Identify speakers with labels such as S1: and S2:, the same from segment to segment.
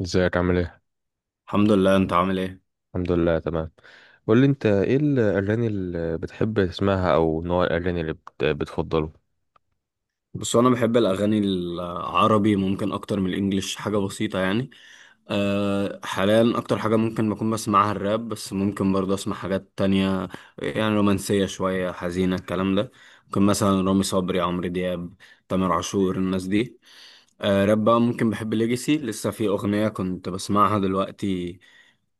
S1: ازيك عامل ايه؟
S2: الحمد لله، انت عامل ايه؟
S1: الحمد لله تمام. قول لي انت ايه الاغاني اللي بتحب تسمعها او نوع الاغاني اللي بتفضله؟
S2: بس انا بحب الاغاني العربي ممكن اكتر من الانجليش، حاجه بسيطه يعني. حاليا اكتر حاجه ممكن بكون بسمعها الراب، بس ممكن برضه اسمع حاجات تانية. يعني رومانسيه شويه، حزينه، الكلام ده. ممكن مثلا رامي صبري، عمرو دياب، تامر عاشور، الناس دي. راب بقى، ممكن بحب ليجاسي، لسه في اغنيه كنت بسمعها دلوقتي.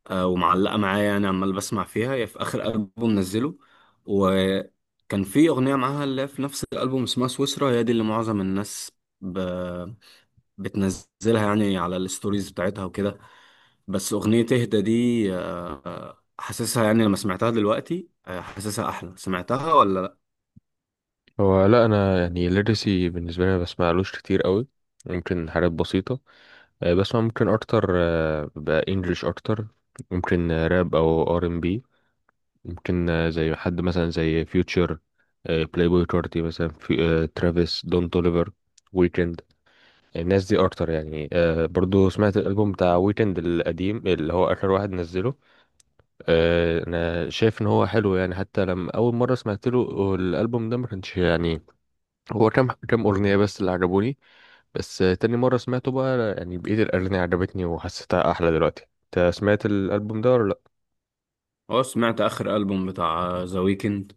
S2: ومعلقه معايا يعني، عمال بسمع فيها، هي في اخر البوم نزله. كان في أغنية معاها اللي هي في نفس الألبوم، اسمها سويسرا. هي دي اللي معظم الناس ب... بتنزلها يعني على الستوريز بتاعتها وكده. بس أغنية اهدى دي، حاسسها يعني، لما سمعتها دلوقتي، حاسسها أحلى. سمعتها ولا لأ؟
S1: هو لا، انا يعني ليرسي بالنسبه لي ما بسمعلوش كتير قوي، ممكن حاجات بسيطه. بسمع ممكن اكتر، بقى انجلش اكتر. ممكن راب او ار ام بي. ممكن زي حد مثلا زي فيوتشر، بلاي بوي كارتي مثلا، في ترافيس، دون توليفر، ويكند. الناس دي اكتر يعني. آه، برضو سمعت الالبوم بتاع ويكند القديم اللي هو اخر واحد نزله. آه، انا شايف ان هو حلو يعني. حتى لما اول مره سمعت له الالبوم ده ما كانش يعني هو كام اغنيه بس اللي عجبوني، بس آه تاني مره سمعته بقى يعني بقيه الاغاني عجبتني وحسيتها احلى دلوقتي. انت سمعت الالبوم ده ولا لا؟
S2: أه، سمعت آخر ألبوم بتاع ذا ويكند.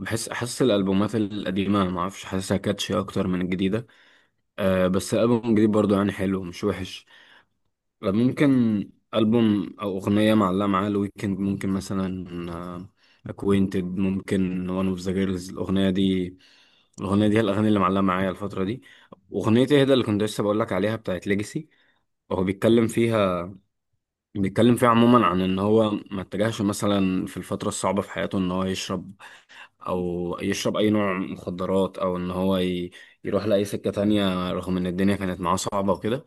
S2: أحس الألبومات القديمة، معرفش، حاسسها كاتشي أكتر من الجديدة. بس الألبوم الجديد برضو يعني حلو، مش وحش. ممكن. ألبوم أو أغنية معلقة معاه الويكند، ممكن مثلا آه، أكوينتد، ممكن وان اوف ذا جيرلز، الأغنية دي. الأغنية دي هي الأغاني اللي معلقة معايا الفترة دي. أغنية إيه ده اللي كنت لسه بقولك عليها، بتاعت ليجاسي. هو بيتكلم فيها عموما عن إن هو ما اتجهش مثلا في الفترة الصعبة في حياته، إن هو يشرب او يشرب اي نوع مخدرات، او ان هو يروح لاي سكة تانية، رغم ان الدنيا كانت معاه صعبة وكده.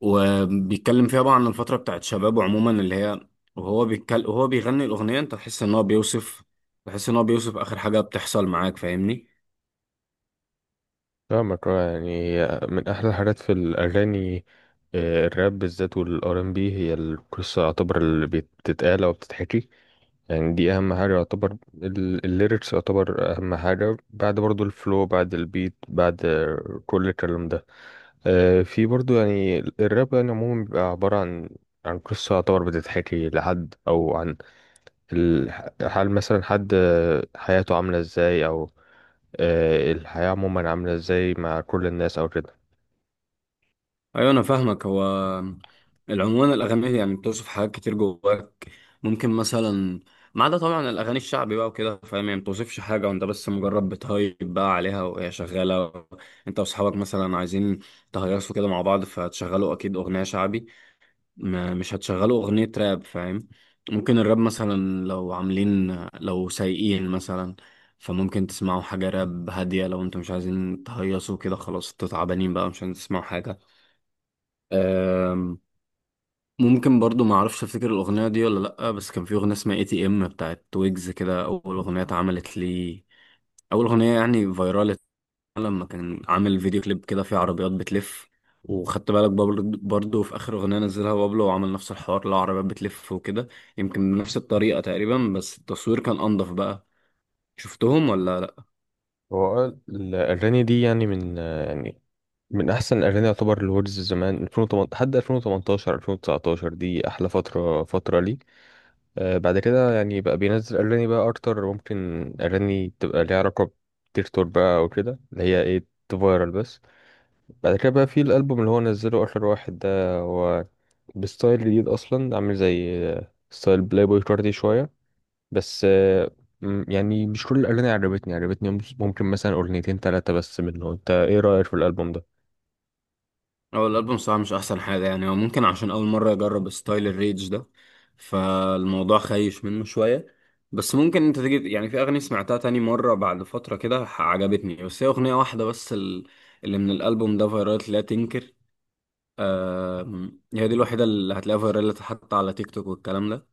S2: وبيتكلم فيها بقى عن الفترة بتاعت شبابه عموما، اللي هي، وهو بيتكلم وهو بيغني الأغنية، انت تحس ان هو بيوصف، تحس ان هو بيوصف اخر حاجة بتحصل معاك، فاهمني؟
S1: فاهمك. يعني من احلى الحاجات في الاغاني، الراب بالذات والار ام بي، هي القصه يعتبر اللي بتتقال او بتتحكي، يعني دي اهم حاجه يعتبر. الليركس يعتبر اهم حاجه، بعد برضو الفلو، بعد البيت، بعد كل الكلام ده. في برضو يعني الراب يعني عموما بيبقى عباره عن عن قصه يعتبر بتتحكي لحد، او عن ال- حال مثلا حد، حياته عامله ازاي، او الحياه عموما عامله ازاي مع كل الناس او كده.
S2: ايوه، انا فاهمك. هو العنوان الاغاني يعني بتوصف حاجات كتير جواك. ممكن مثلا ما عدا طبعا الاغاني الشعبي بقى وكده، فاهم؟ يعني ما بتوصفش حاجه، وانت بس مجرد بتهيب بقى عليها وهي شغاله. انت واصحابك مثلا عايزين تهيصوا كده مع بعض، فهتشغلوا اكيد اغنيه شعبي، ما مش هتشغلوا اغنيه راب، فاهم؟ ممكن الراب مثلا، لو سايقين مثلا، فممكن تسمعوا حاجه راب هاديه. لو انتوا مش عايزين تهيصوا كده، خلاص انتوا تعبانين بقى، مش عايزين تسمعوا حاجه. أم، ممكن برضو، ما اعرفش افتكر الاغنيه دي ولا لا، بس كان في اغنيه اسمها اي تي ام بتاعت ويجز كده، اول اغنيه اتعملت لي، اول اغنيه يعني فايرال، لما كان عامل فيديو كليب كده فيه عربيات بتلف. وخدت بالك برضو في اخر اغنيه نزلها بابلو وعمل نفس الحوار، لو عربيات بتلف وكده، يمكن بنفس الطريقه تقريبا، بس التصوير كان انضف بقى. شفتهم ولا؟
S1: هو الأغاني دي يعني من يعني من احسن الاغاني يعتبر الوردز زمان 2008 لحد 2018 2019، دي احلى فتره، فتره لي. آه، بعد كده يعني بقى بينزل اغاني بقى اكتر، ممكن اغاني تبقى ليها علاقه بتيك توك بقى او كده، اللي هي ايه تفايرل بس. بعد كده بقى في الالبوم اللي هو نزله اخر واحد ده، هو بستايل جديد اصلا، عامل زي ستايل بلاي بوي كاردي شويه. بس آه، يعني مش كل الاغاني عجبتني، عجبتني ممكن مثلا اغنيتين ثلاثه بس منه. انت ايه رايك في الالبوم ده؟
S2: هو الألبوم صراحة مش أحسن حاجة، يعني هو ممكن عشان أول مرة أجرب ستايل الريدج ده، فالموضوع خايش منه شوية. بس ممكن أنت تيجي يعني، في أغاني سمعتها تاني مرة بعد فترة كده عجبتني، بس هي أغنية واحدة بس اللي من الألبوم ده، فيرالت لا تنكر. هي دي الوحيدة اللي هتلاقيها فيرالت حتى على تيك توك والكلام ده.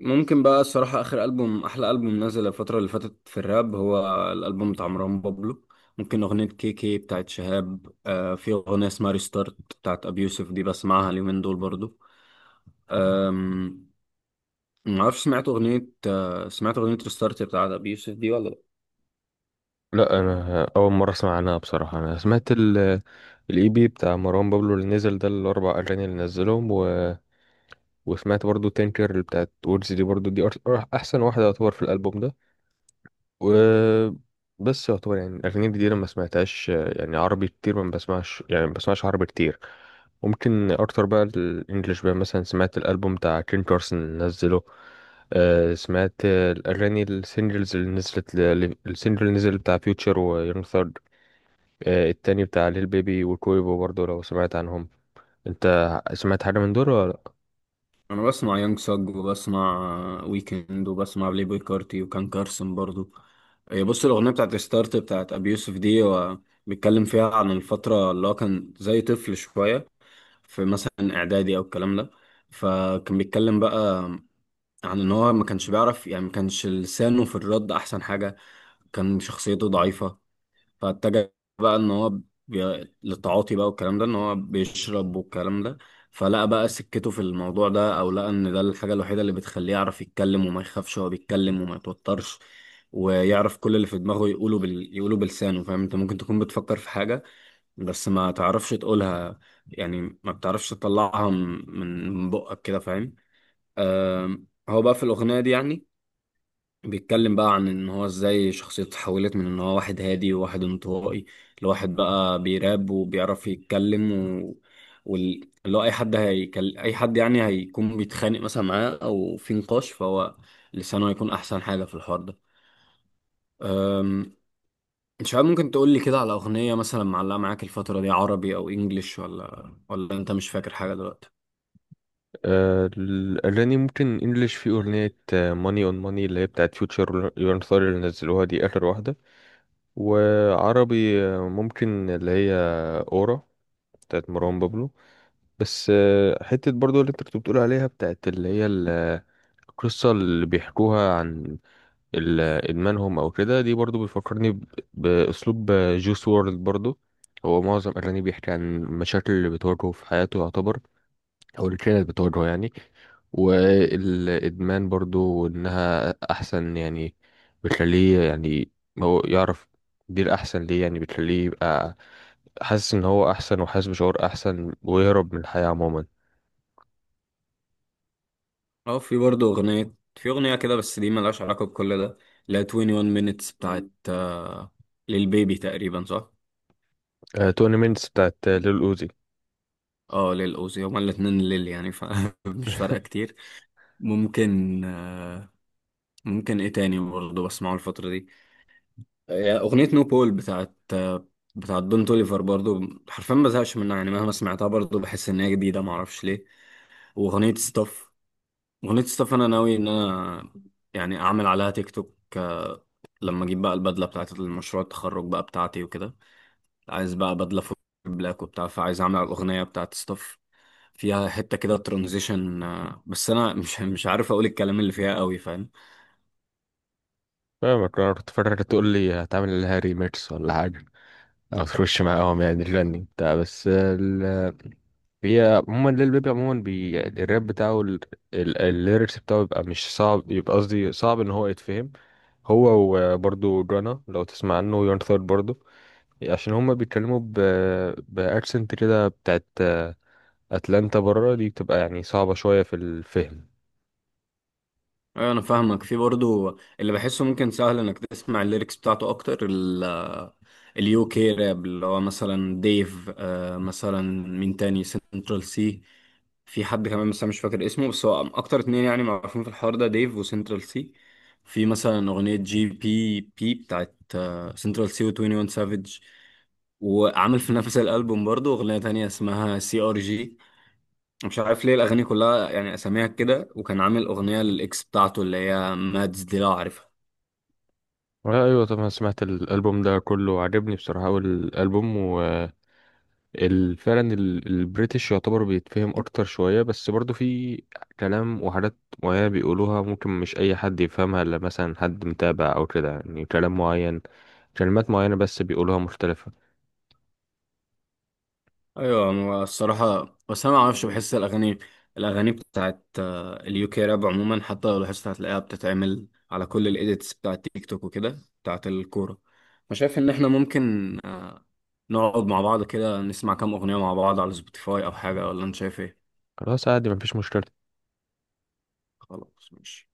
S2: ممكن بقى الصراحة آخر ألبوم، أحلى ألبوم نزل الفترة اللي فاتت في الراب، هو الألبوم بتاع مروان بابلو. ممكن أغنية كي كي بتاعت شهاب. في أغنية اسمها ريستارت بتاعت أبي يوسف دي، بسمعها اليومين دول برضو. آم، معرفش، سمعت أغنية ريستارت بتاعت أبي يوسف دي ولا لأ؟
S1: لا انا اول مره اسمع عنها بصراحه. انا سمعت الاي بي بتاع مروان بابلو اللي نزل ده، الاربع اغاني اللي نزلهم، وسمعت برضو تينكر اللي بتاعت وورز دي، برضو دي احسن واحده يعتبر في الالبوم ده. و بس يعتبر يعني الاغاني الجديده ما سمعتهاش، يعني عربي كتير ما بسمعش، يعني ما بسمعش عربي كتير. ممكن اكتر بقى الانجليش بقى. مثلا سمعت الالبوم بتاع كين كارسون اللي نزله، سمعت الاغاني السingles اللي نزلت السنجل اللي نزل بتاع فيوتشر ويونغ، التاني بتاع ليل بيبي وكويبو برضو، لو سمعت عنهم انت. سمعت حاجة من دول ولا لأ؟
S2: أنا بسمع يانج ساج، وبسمع ويكند، وبسمع بلاي بوي كارتي، وكان كارسن برضو. هي بص، الأغنية بتاعت ريستارت بتاعت أبي يوسف دي، هو بيتكلم فيها عن الفترة اللي هو كان زي طفل شوية، في مثلا اعدادي او الكلام ده. فكان بيتكلم بقى عن ان هو ما كانش بيعرف يعني، ما كانش لسانه في الرد احسن حاجة، كان شخصيته ضعيفة. فاتجه بقى ان هو للتعاطي بقى والكلام ده، ان هو بيشرب والكلام ده. فلقى بقى سكته في الموضوع ده، او لقى ان ده الحاجة الوحيدة اللي بتخليه يعرف يتكلم وما يخافش، وهو بيتكلم وما يتوترش، ويعرف كل اللي في دماغه يقوله يقوله بلسانه. فاهم؟ انت ممكن تكون بتفكر في حاجة بس ما تعرفش تقولها، يعني ما بتعرفش تطلعها من بقك كده، فاهم؟ هو بقى في الأغنية دي يعني، بيتكلم بقى عن ان هو ازاي شخصيته اتحولت من ان هو واحد هادي وواحد انطوائي، لواحد بقى بيراب وبيعرف يتكلم. و... اللي هو اي حد يعني هيكون بيتخانق مثلا معاه او في نقاش، فهو لسانه هيكون احسن حاجة في الحوار ده. انت شباب، ممكن تقول لي كده على اغنيه مثلا معلقه معاك الفتره دي، عربي او انجليش، ولا انت مش فاكر حاجه دلوقتي؟
S1: الأغاني ممكن انجلش، في أغنية ماني اون ماني اللي هي بتاعت فيوتشر يورن ثوري اللي نزلوها دي آخر واحدة. وعربي ممكن اللي هي أورا بتاعت مروان بابلو. بس آه، حتة برضو اللي انت كنت بتقول عليها بتاعت اللي هي القصة اللي بيحكوها عن ال- ادمانهم او كده، دي برضو بيفكرني باسلوب جوس وورلد برضو. هو معظم اغانيه بيحكي عن المشاكل اللي بتواجهه في حياته يعتبر، او اللي كانت بتواجهه يعني. والادمان برضو انها احسن يعني بتخليه يعني هو يعرف دي الاحسن ليه، يعني بتخليه يبقى حاسس ان هو احسن، وحاسس بشعور احسن، ويهرب من الحياة عموما.
S2: اه، في برضه اغنيه كده، بس دي ملهاش علاقه بكل ده. لا، 21 minutes بتاعت للبيبي تقريبا، صح؟
S1: توني مينتس بتاعت ليل اوزي.
S2: اه، للأوزي، هما الاتنين ليل يعني، فمش فارقه كتير. ممكن. ممكن ايه تاني برضه بسمعه الفتره دي. اغنيه نو بول بتاعت بتاعت دون توليفر برضه، حرفيا ما بزهقش منها يعني، مهما سمعتها برضه بحس ان هي جديده، معرفش ليه. واغنيه ستاف. أغنية ستاف أنا ناوي إن أنا يعني أعمل عليها تيك توك، لما أجيب بقى البدلة بتاعت المشروع التخرج بقى بتاعتي وكده، عايز بقى بدلة فوق بلاك وبتاع، فعايز أعمل على الأغنية بتاعت ستاف، فيها حتة كده ترانزيشن، بس أنا مش مش عارف أقول الكلام اللي فيها قوي.
S1: فاهمك. انا كنت فاكرك تقول لي هتعمل لها ريميكس ولا حاجة، ما تخش معاهم يعني الفني بتاع، هي عموما ليل بيبي عموما يعني الراب بتاعه الليركس بتاعه بيبقى مش صعب، يبقى قصدي صعب ان هو يتفهم هو. وبرضه جانا لو تسمع عنه يون ثيرد برضه، عشان هما بيتكلموا باكسنت كده بتاعت اتلانتا بره، دي بتبقى يعني صعبة شوية في الفهم.
S2: ايوه انا فاهمك. في برضو اللي بحسه، ممكن سهل انك تسمع الليركس بتاعته اكتر، اليو كي راب، اللي هو مثلا ديف، مثلا مين تاني، سنترال سي. في حد كمان بس انا مش فاكر اسمه، بس هو اكتر اتنين يعني معروفين في الحوار ده، ديف وسنترال سي. في مثلا اغنية جي بي بي بتاعت سنترال سي و 21 سافيج. وعامل في نفس الالبوم برضو اغنية تانية اسمها سي ار جي، مش عارف ليه الاغاني كلها يعني اساميها كده. وكان عامل اغنيه للاكس بتاعته اللي هي مادز دي، لو عارفها.
S1: ايوه طبعا سمعت الالبوم ده كله، عجبني بصراحة. اول الالبوم فعلا البريتش يعتبر بيتفهم اكتر شوية، بس برضو في كلام وحاجات معينة بيقولوها ممكن مش اي حد يفهمها الا مثلا حد متابع او كده، يعني كلام معين، كلمات معينة بس بيقولوها مختلفة.
S2: ايوه، هو الصراحه بس انا ما اعرفش، بحس الاغاني بتاعت اليو كي راب عموما، حتى لو لاحظت هتلاقيها بتتعمل على كل الايديتس بتاعت تيك توك وكده، بتاعت الكوره. فشايف ان احنا ممكن، نقعد مع بعض كده نسمع كام اغنيه مع بعض على سبوتيفاي او حاجه، ولا انت شايف ايه؟
S1: خلاص عادي، مفيش مشكلة.
S2: خلاص، ماشي.